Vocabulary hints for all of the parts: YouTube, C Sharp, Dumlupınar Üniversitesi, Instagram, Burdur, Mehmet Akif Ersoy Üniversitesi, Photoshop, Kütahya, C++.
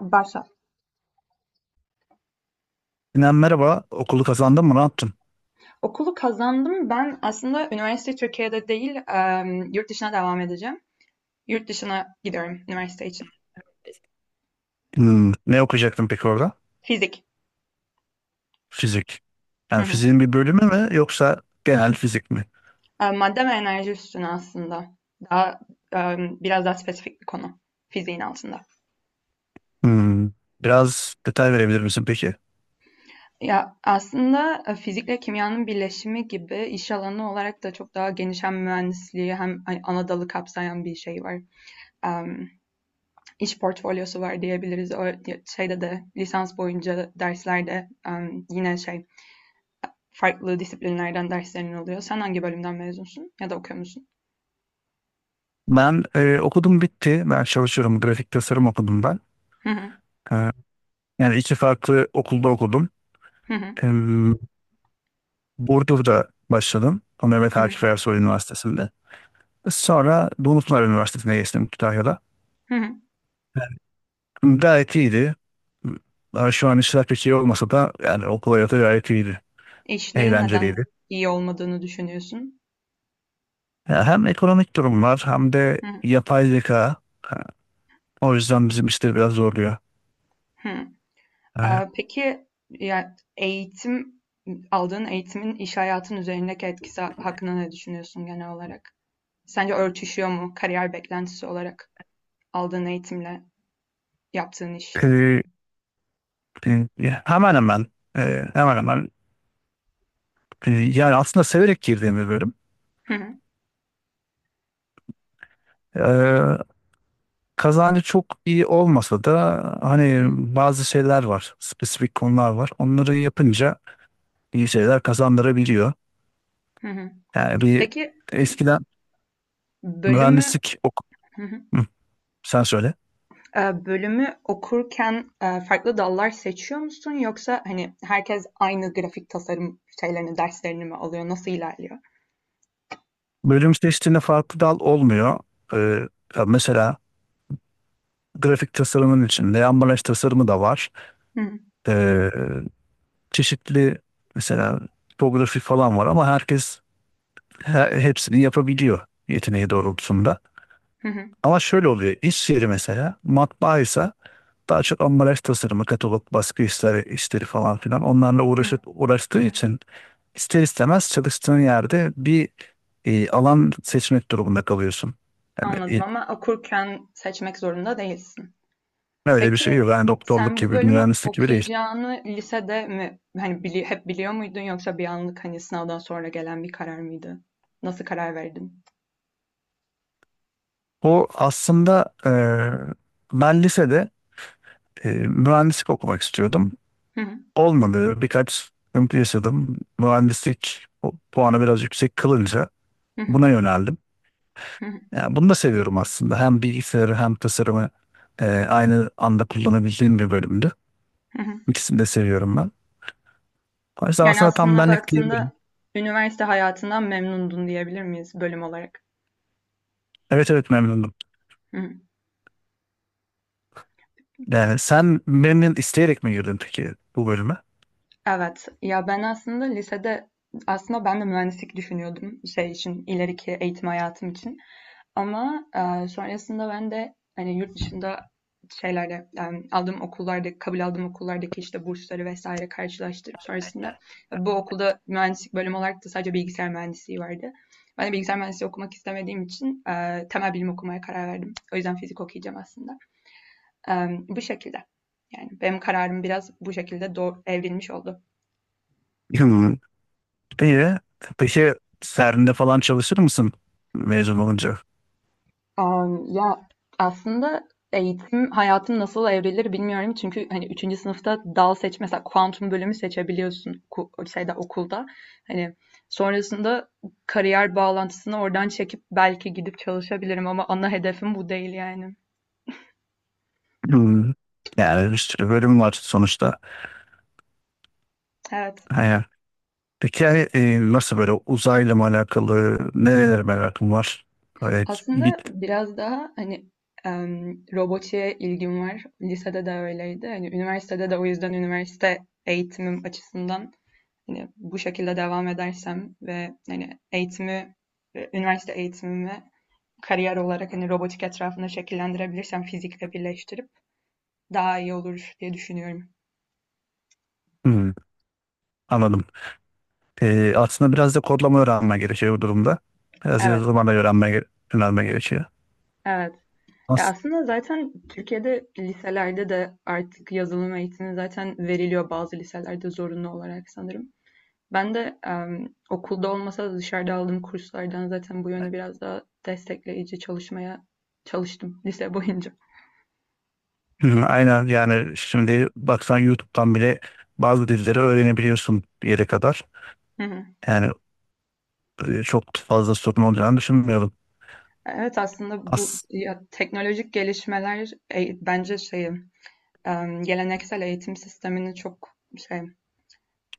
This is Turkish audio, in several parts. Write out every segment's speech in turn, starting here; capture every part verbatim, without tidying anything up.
Başla. Sinan merhaba. Okulu kazandın mı? Ne yaptın? Okulu kazandım. Ben aslında üniversite Türkiye'de değil, yurt dışına devam edeceğim. Yurt dışına gidiyorum üniversite için. Hmm, ne okuyacaktın peki orada? Fizik. Fizik. Hı Yani hı. fiziğin bir bölümü mü yoksa genel fizik mi? E, Madde ve enerji üstüne aslında. Daha biraz daha spesifik bir konu. Fiziğin altında. Hmm, biraz detay verebilir misin peki? Ya aslında e, fizikle kimyanın birleşimi gibi iş alanı olarak da çok daha geniş, hem mühendisliği hem hani ana dalı kapsayan bir şey var. Em, iş portfolyosu var diyebiliriz. O şeyde de lisans boyunca derslerde em, yine şey, farklı disiplinlerden derslerin oluyor. Sen hangi bölümden mezunsun ya da okuyor musun? Ben e, okudum bitti. Ben çalışıyorum. Grafik tasarım okudum ben. Hı hı, E, Yani iki farklı okulda okudum. hı hı, E, Burdur'da başladım. Mehmet hı hı, Akif Ersoy Üniversitesi'nde. Sonra Dumlupınar Üniversitesi'ne geçtim Kütahya'da. hı. Gayet iyiydi. Ben şu an işler pek iyi olmasa da yani okul hayatı gayet iyiydi. İşlerin neden Eğlenceliydi. iyi olmadığını düşünüyorsun? Ya hem ekonomik durum var hem de Hı hı, yapay zeka. Ha, o yüzden bizim işleri biraz zorluyor. hı. Ha, Ee, Peki ya eğitim, aldığın eğitimin iş hayatın üzerindeki etkisi hakkında ne düşünüyorsun genel olarak? Sence örtüşüyor mu kariyer beklentisi olarak aldığın eğitimle yaptığın iş? e, e, hemen hemen e, hemen hemen e, yani aslında severek girdiğim bir bölüm. Hı, E, Kazancı çok iyi olmasa da hı hani bazı şeyler var. Spesifik konular var. Onları yapınca iyi şeyler kazandırabiliyor. hı, hı hı. Yani bir Peki, eskiden e, bölümü mühendislik ok hı hı. Hı, sen söyle. Eee, bölümü okurken, eee, farklı dallar seçiyor musun yoksa hani herkes aynı grafik tasarım şeylerini, derslerini mi alıyor? Nasıl ilerliyor? Bölüm seçtiğinde farklı dal olmuyor. E, Ya mesela grafik tasarımın içinde ambalaj tasarımı da var. Hı hı. Ee, çeşitli mesela tipografi falan var ama herkes he- hepsini yapabiliyor yeteneği Hı hı. doğrultusunda. Hı hı. Ama şöyle oluyor. İş yeri mesela matbaa ise daha çok ambalaj tasarımı, katalog, baskı işleri, işleri falan filan onlarla uğraşıp uğraştığı için ister istemez çalıştığın yerde bir e, alan seçmek durumunda kalıyorsun. Yani Anladım, e, ama okurken seçmek zorunda değilsin. öyle bir şey Peki, yok. Yani doktorluk sen bu gibi, bölümü mühendislik gibi değil. okuyacağını lisede mi, hani, bili hep biliyor muydun, yoksa bir anlık, hani, sınavdan sonra gelen bir karar mıydı? Nasıl karar verdin? O aslında e, ben lisede e, mühendislik okumak istiyordum. Olmadı. Birkaç sıkıntı yaşadım. Mühendislik o- puanı biraz yüksek kılınca Hı hı. buna yöneldim. Hı hı. Yani bunu da seviyorum aslında. Hem bilgisayarı hem tasarımı e, aynı anda kullanabildiğim bir bölümdü. Hı hı. İkisini de seviyorum ben. O yüzden Yani aslında tam aslında benlik diyebilirim. baktığında üniversite hayatından memnundun diyebilir miyiz bölüm olarak? Evet, evet, memnundum. Hı hı. Yani sen memnun isteyerek mi girdin peki bu bölüme? Evet. Ya, ben aslında lisede, aslında ben de mühendislik düşünüyordum şey için, ileriki eğitim hayatım için. Ama, eee, sonrasında ben de, hani, yurt dışında şeylerle, emm, aldığım okullarda, kabul aldığım okullardaki, işte, bursları vesaire karşılaştırıp sonrasında e, bu okulda mühendislik bölümü olarak da sadece bilgisayar mühendisliği vardı. Ben de bilgisayar mühendisliği okumak istemediğim için, eee, temel bilim okumaya karar verdim. O yüzden fizik okuyacağım aslında. Emm, bu şekilde. Yani benim kararım biraz bu şekilde doğ evrilmiş oldu. İyi. Peki serinde falan çalışır mısın mezun olunca? Am, ya aslında eğitim hayatım nasıl evrilir bilmiyorum. Çünkü hani üçüncü sınıfta dal seç mesela kuantum bölümü seçebiliyorsun, ku- şeyde okulda. Hani sonrasında kariyer bağlantısını oradan çekip belki gidip çalışabilirim, ama ana hedefim bu değil yani. Hmm. Yani bir sürü bölüm var sonuçta. Evet. Ha. Peki yani, e, nasıl böyle uzayla mı alakalı, nerelere merakın var? Evet, Aslında git. biraz daha hani em, robotiğe ilgim var. Lisede de öyleydi. Hani üniversitede de, o yüzden üniversite eğitimim açısından, hani bu şekilde devam edersem ve hani eğitimi, e, üniversite eğitimimi kariyer olarak hani robotik etrafında şekillendirebilirsem fizikle birleştirip daha iyi olur diye düşünüyorum. Hmm, anladım. E, aslında biraz da kodlama öğrenme gerekiyor bu durumda. Biraz Evet, yazılıma da öğrenme, ge- öğrenme gerekiyor. evet. Ya As- aslında zaten Türkiye'de liselerde de artık yazılım eğitimi zaten veriliyor, bazı liselerde zorunlu olarak sanırım. Ben de em, okulda olmasa da dışarıda aldığım kurslardan zaten bu yönde biraz daha destekleyici çalışmaya çalıştım lise boyunca. Hı, aynen yani şimdi baksan YouTube'dan bile bazı dilleri öğrenebiliyorsun bir yere kadar. Hı hı. Yani e, çok fazla sorun olacağını düşünmüyorum. Evet, aslında bu As ya, teknolojik gelişmeler e, bence şeyi em, geleneksel eğitim sistemini çok şey,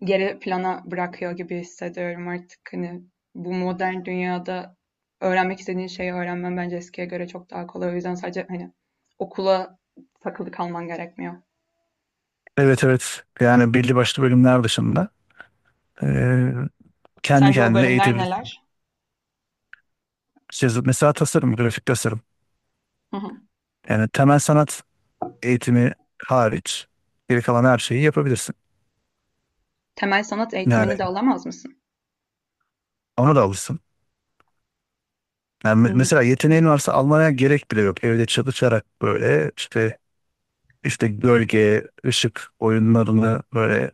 geri plana bırakıyor gibi hissediyorum artık. Hani bu modern dünyada öğrenmek istediğin şeyi öğrenmen bence eskiye göre çok daha kolay. O yüzden sadece hani okula takılı kalman gerekmiyor. evet, evet. Yani belli başlı bölümler dışında eee, kendi Sence o kendine bölümler eğitebilirsin. neler? Şey, mesela tasarım, grafik tasarım. Hı hı. Yani temel sanat eğitimi hariç geri kalan her şeyi yapabilirsin. Temel sanat Yani eğitimini de alamaz mısın? ona da alırsın. Yani Hı me- hı. mesela yeteneğin varsa almaya gerek bile yok. Evde çalışarak böyle işte işte gölge, ışık oyunlarını böyle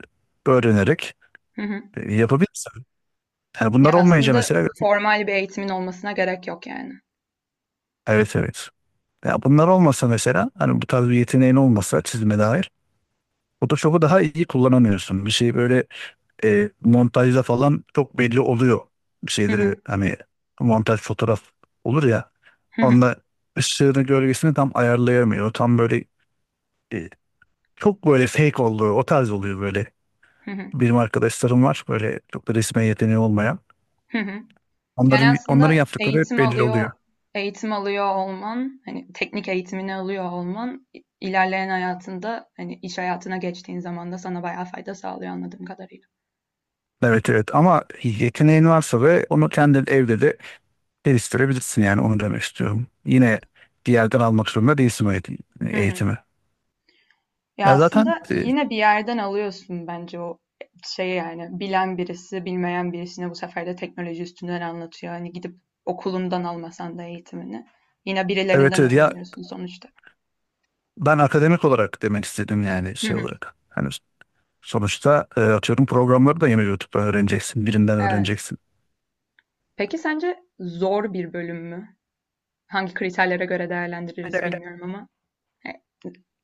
öğrenerek Hı hı. e, yapabilirsin. Yani Ya bunlar olmayınca aslında mesela grafik- formal bir eğitimin olmasına gerek yok yani. evet, evet. Ya bunlar olmasa mesela hani bu tarz bir yeteneğin olmasa çizime dair Photoshop'u daha iyi kullanamıyorsun. Bir şey böyle e, montajda falan çok belli oluyor. Bir Hı şeyleri hı. hani montaj fotoğraf olur ya Hı hı. onda ışığını gölgesini tam ayarlayamıyor. Tam böyle e, çok böyle fake oluyor. O tarz oluyor böyle. Hı hı. Benim arkadaşlarım var böyle çok da resme yeteneği olmayan. Hı hı. Yani Onların onların aslında yaptıkları hep eğitim belli alıyor, oluyor. eğitim alıyor olman, hani teknik eğitimini alıyor olman ilerleyen hayatında, hani iş hayatına geçtiğin zaman da sana bayağı fayda sağlıyor anladığım kadarıyla. Evet, evet, ama yeteneğin varsa ve onu kendin evde de geliştirebilirsin yani onu demek istiyorum. Yine bir yerden almak zorunda değilsin o eğitim- Hı hı. eğitimi. Ya Ya zaten aslında e, yine bir yerden alıyorsun bence o şey yani, bilen birisi bilmeyen birisine bu sefer de teknoloji üstünden anlatıyor. Hani gidip okulundan almasan da eğitimini yine evet, birilerinden evet, ya öğreniyorsun sonuçta. ben akademik olarak demek istedim yani Hı şey hı. olarak. Hani sonuçta e, atıyorum programları da yine YouTube'dan öğreneceksin, birinden Evet. öğreneceksin. Peki sence zor bir bölüm mü? Hangi kriterlere göre değerlendiririz bilmiyorum ama e,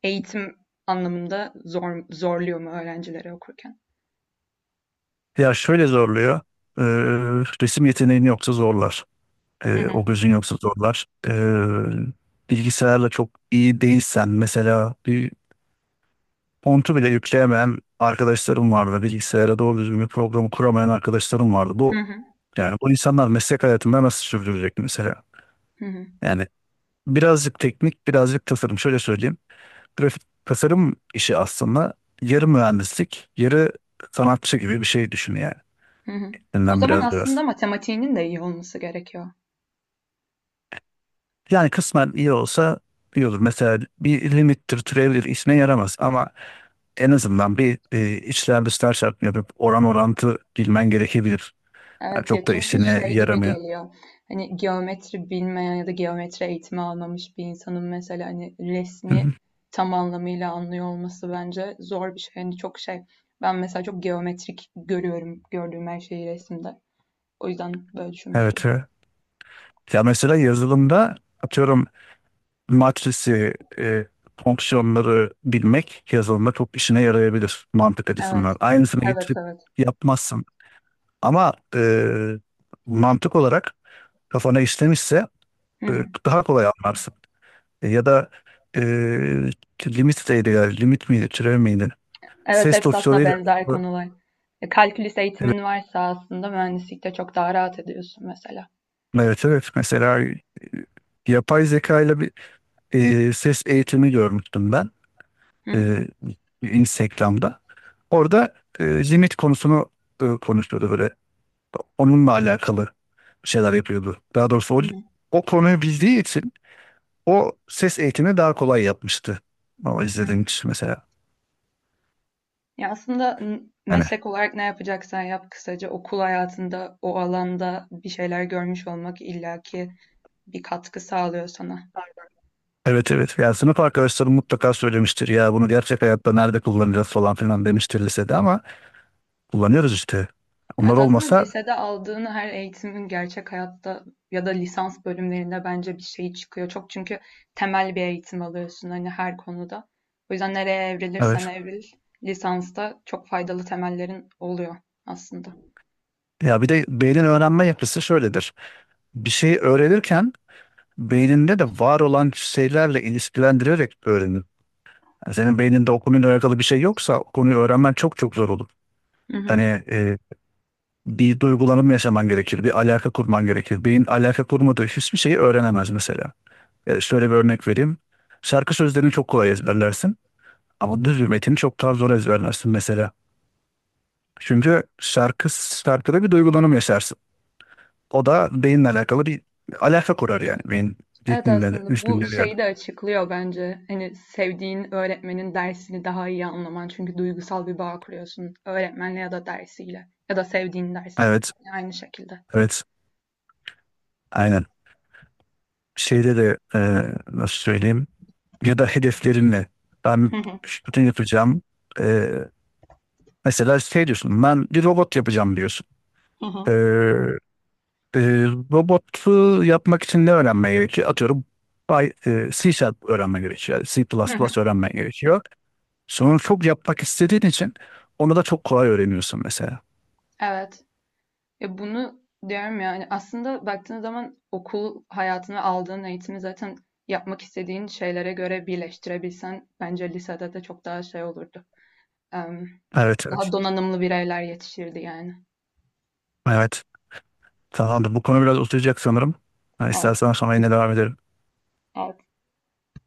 eğitim anlamında zor, zorluyor mu öğrencileri okurken? Ya şöyle zorluyor. e, Resim yeteneğin yoksa zorlar. Hı E, hı, o gözün yoksa zorlar. E, bilgisayarla çok iyi değilsen mesela bir fontu bile yükleyemeyen arkadaşlarım vardı. Bilgisayara doğru düzgün bir programı kuramayan arkadaşlarım vardı. hı Bu hı, yani bu insanlar meslek hayatında nasıl sürdürecek mesela? hı hı, Yani birazcık teknik, birazcık tasarım. Şöyle söyleyeyim. Grafik tasarım işi aslında yarı mühendislik, yarı sanatçı gibi bir şey düşün yani. hı hı. O Elinden zaman biraz aslında biraz. matematiğinin de iyi olması gerekiyor. Yani kısmen iyi olsa iyi olur. Mesela bir limittir, türevdir işine yaramaz ama en azından bir e, içler dışlar çarpımı yapıp oran orantı bilmen gerekebilir. Yani Evet ya, çok da çünkü işine şey gibi yaramıyor. geliyor. Hani geometri bilmeyen ya da geometri eğitimi almamış bir insanın mesela hani Hı resmi hı. tam anlamıyla anlıyor olması bence zor bir şey. Hani çok şey. Ben mesela çok geometrik görüyorum gördüğüm her şeyi resimde. O yüzden böyle düşünmüştüm. Evet. Evet. Ya mesela yazılımda atıyorum matrisi, e, fonksiyonları bilmek yazılımda çok işine yarayabilir mantık açısından. Evet. Aynısını Evet, getirip evet. yapmazsın. Ama e, mantık olarak kafana işlemişse Hı e, hı. daha kolay anlarsın. E, ya da e, limit değeri, yani limit miydi, türev miydi? Evet, Ses hepsi aslında dosyalarıyla benzer evet, konular. E, kalkülüs eğitimin varsa aslında mühendislikte çok daha rahat ediyorsun mesela. evet, evet. Mesela e, yapay zeka ile bir e, ses eğitimi görmüştüm ben. Hı hı. e, Instagram'da. Orada e, limit konusunu e, konuşuyordu böyle. Onunla alakalı şeyler yapıyordu. Daha doğrusu o, Hı hı. o konuyu bildiği için o ses eğitimi daha kolay yapmıştı. Ama Hı izlediğim hı. kişi mesela. Ya aslında n- Yani meslek olarak ne yapacaksan yap, kısaca okul hayatında o alanda bir şeyler görmüş olmak illaki bir katkı sağlıyor sana. evet, evet. Yani sınıf arkadaşlarım mutlaka söylemiştir. Ya bunu gerçek hayatta nerede kullanacağız falan filan demiştir lisede ama kullanıyoruz işte. Onlar Evet, aslında olmasa lisede aldığın her eğitimin gerçek hayatta ya da lisans bölümlerinde bence bir şey çıkıyor. Çok, çünkü temel bir eğitim alıyorsun hani her konuda. O yüzden nereye evrilirsen evet. evril, lisansta çok faydalı temellerin oluyor aslında. Ya bir de beynin öğrenme yapısı şöyledir. Bir şeyi öğrenirken beyninde de var olan şeylerle ilişkilendirerek öğrenir. Yani senin beyninde o konuyla alakalı bir şey yoksa o konuyu öğrenmen çok çok zor olur. Hı hı. Hani e, bir duygulanım yaşaman gerekir, bir alaka kurman gerekir. Beyin alaka kurmadığı hiçbir şeyi öğrenemez mesela. Ya şöyle bir örnek vereyim. Şarkı sözlerini çok kolay ezberlersin. Ama düz bir metini çok daha zor ezberlersin mesela. Çünkü şarkı, şarkıda bir duygulanım yaşarsın. O da beyinle alakalı bir alaka kurar yani. Beyin Evet, ritminle de, aslında bu üstünle bir yerde. şeyi de açıklıyor bence. Hani sevdiğin öğretmenin dersini daha iyi anlaman. Çünkü duygusal bir bağ kuruyorsun öğretmenle ya da dersiyle ya da sevdiğin ders. Evet, Aynı şekilde. evet. Aynen. Şeyde de e, nasıl söyleyeyim ya da hedeflerinle Hı ben hı. şunu yapacağım. E, Mesela şey diyorsun ben bir robot yapacağım diyorsun. E, e, Robotu yapmak için ne öğrenmen gerekiyor? Atıyorum Py- e, C Sharp öğrenmen gerekiyor. Hı hı. C plus plus öğrenmen gerekiyor. Sonra çok yapmak istediğin için onu da çok kolay öğreniyorsun mesela. Evet. Ya, bunu diyorum yani. Aslında baktığın zaman okul hayatını, aldığın eğitimi zaten yapmak istediğin şeylere göre birleştirebilsen bence lisede de çok daha şey olurdu. Em, Evet, evet. daha donanımlı bireyler yetişirdi yani. Evet. Tamamdır. Bu konu biraz uzayacak sanırım. Ha, Evet, istersen sonra yine devam edelim. evet.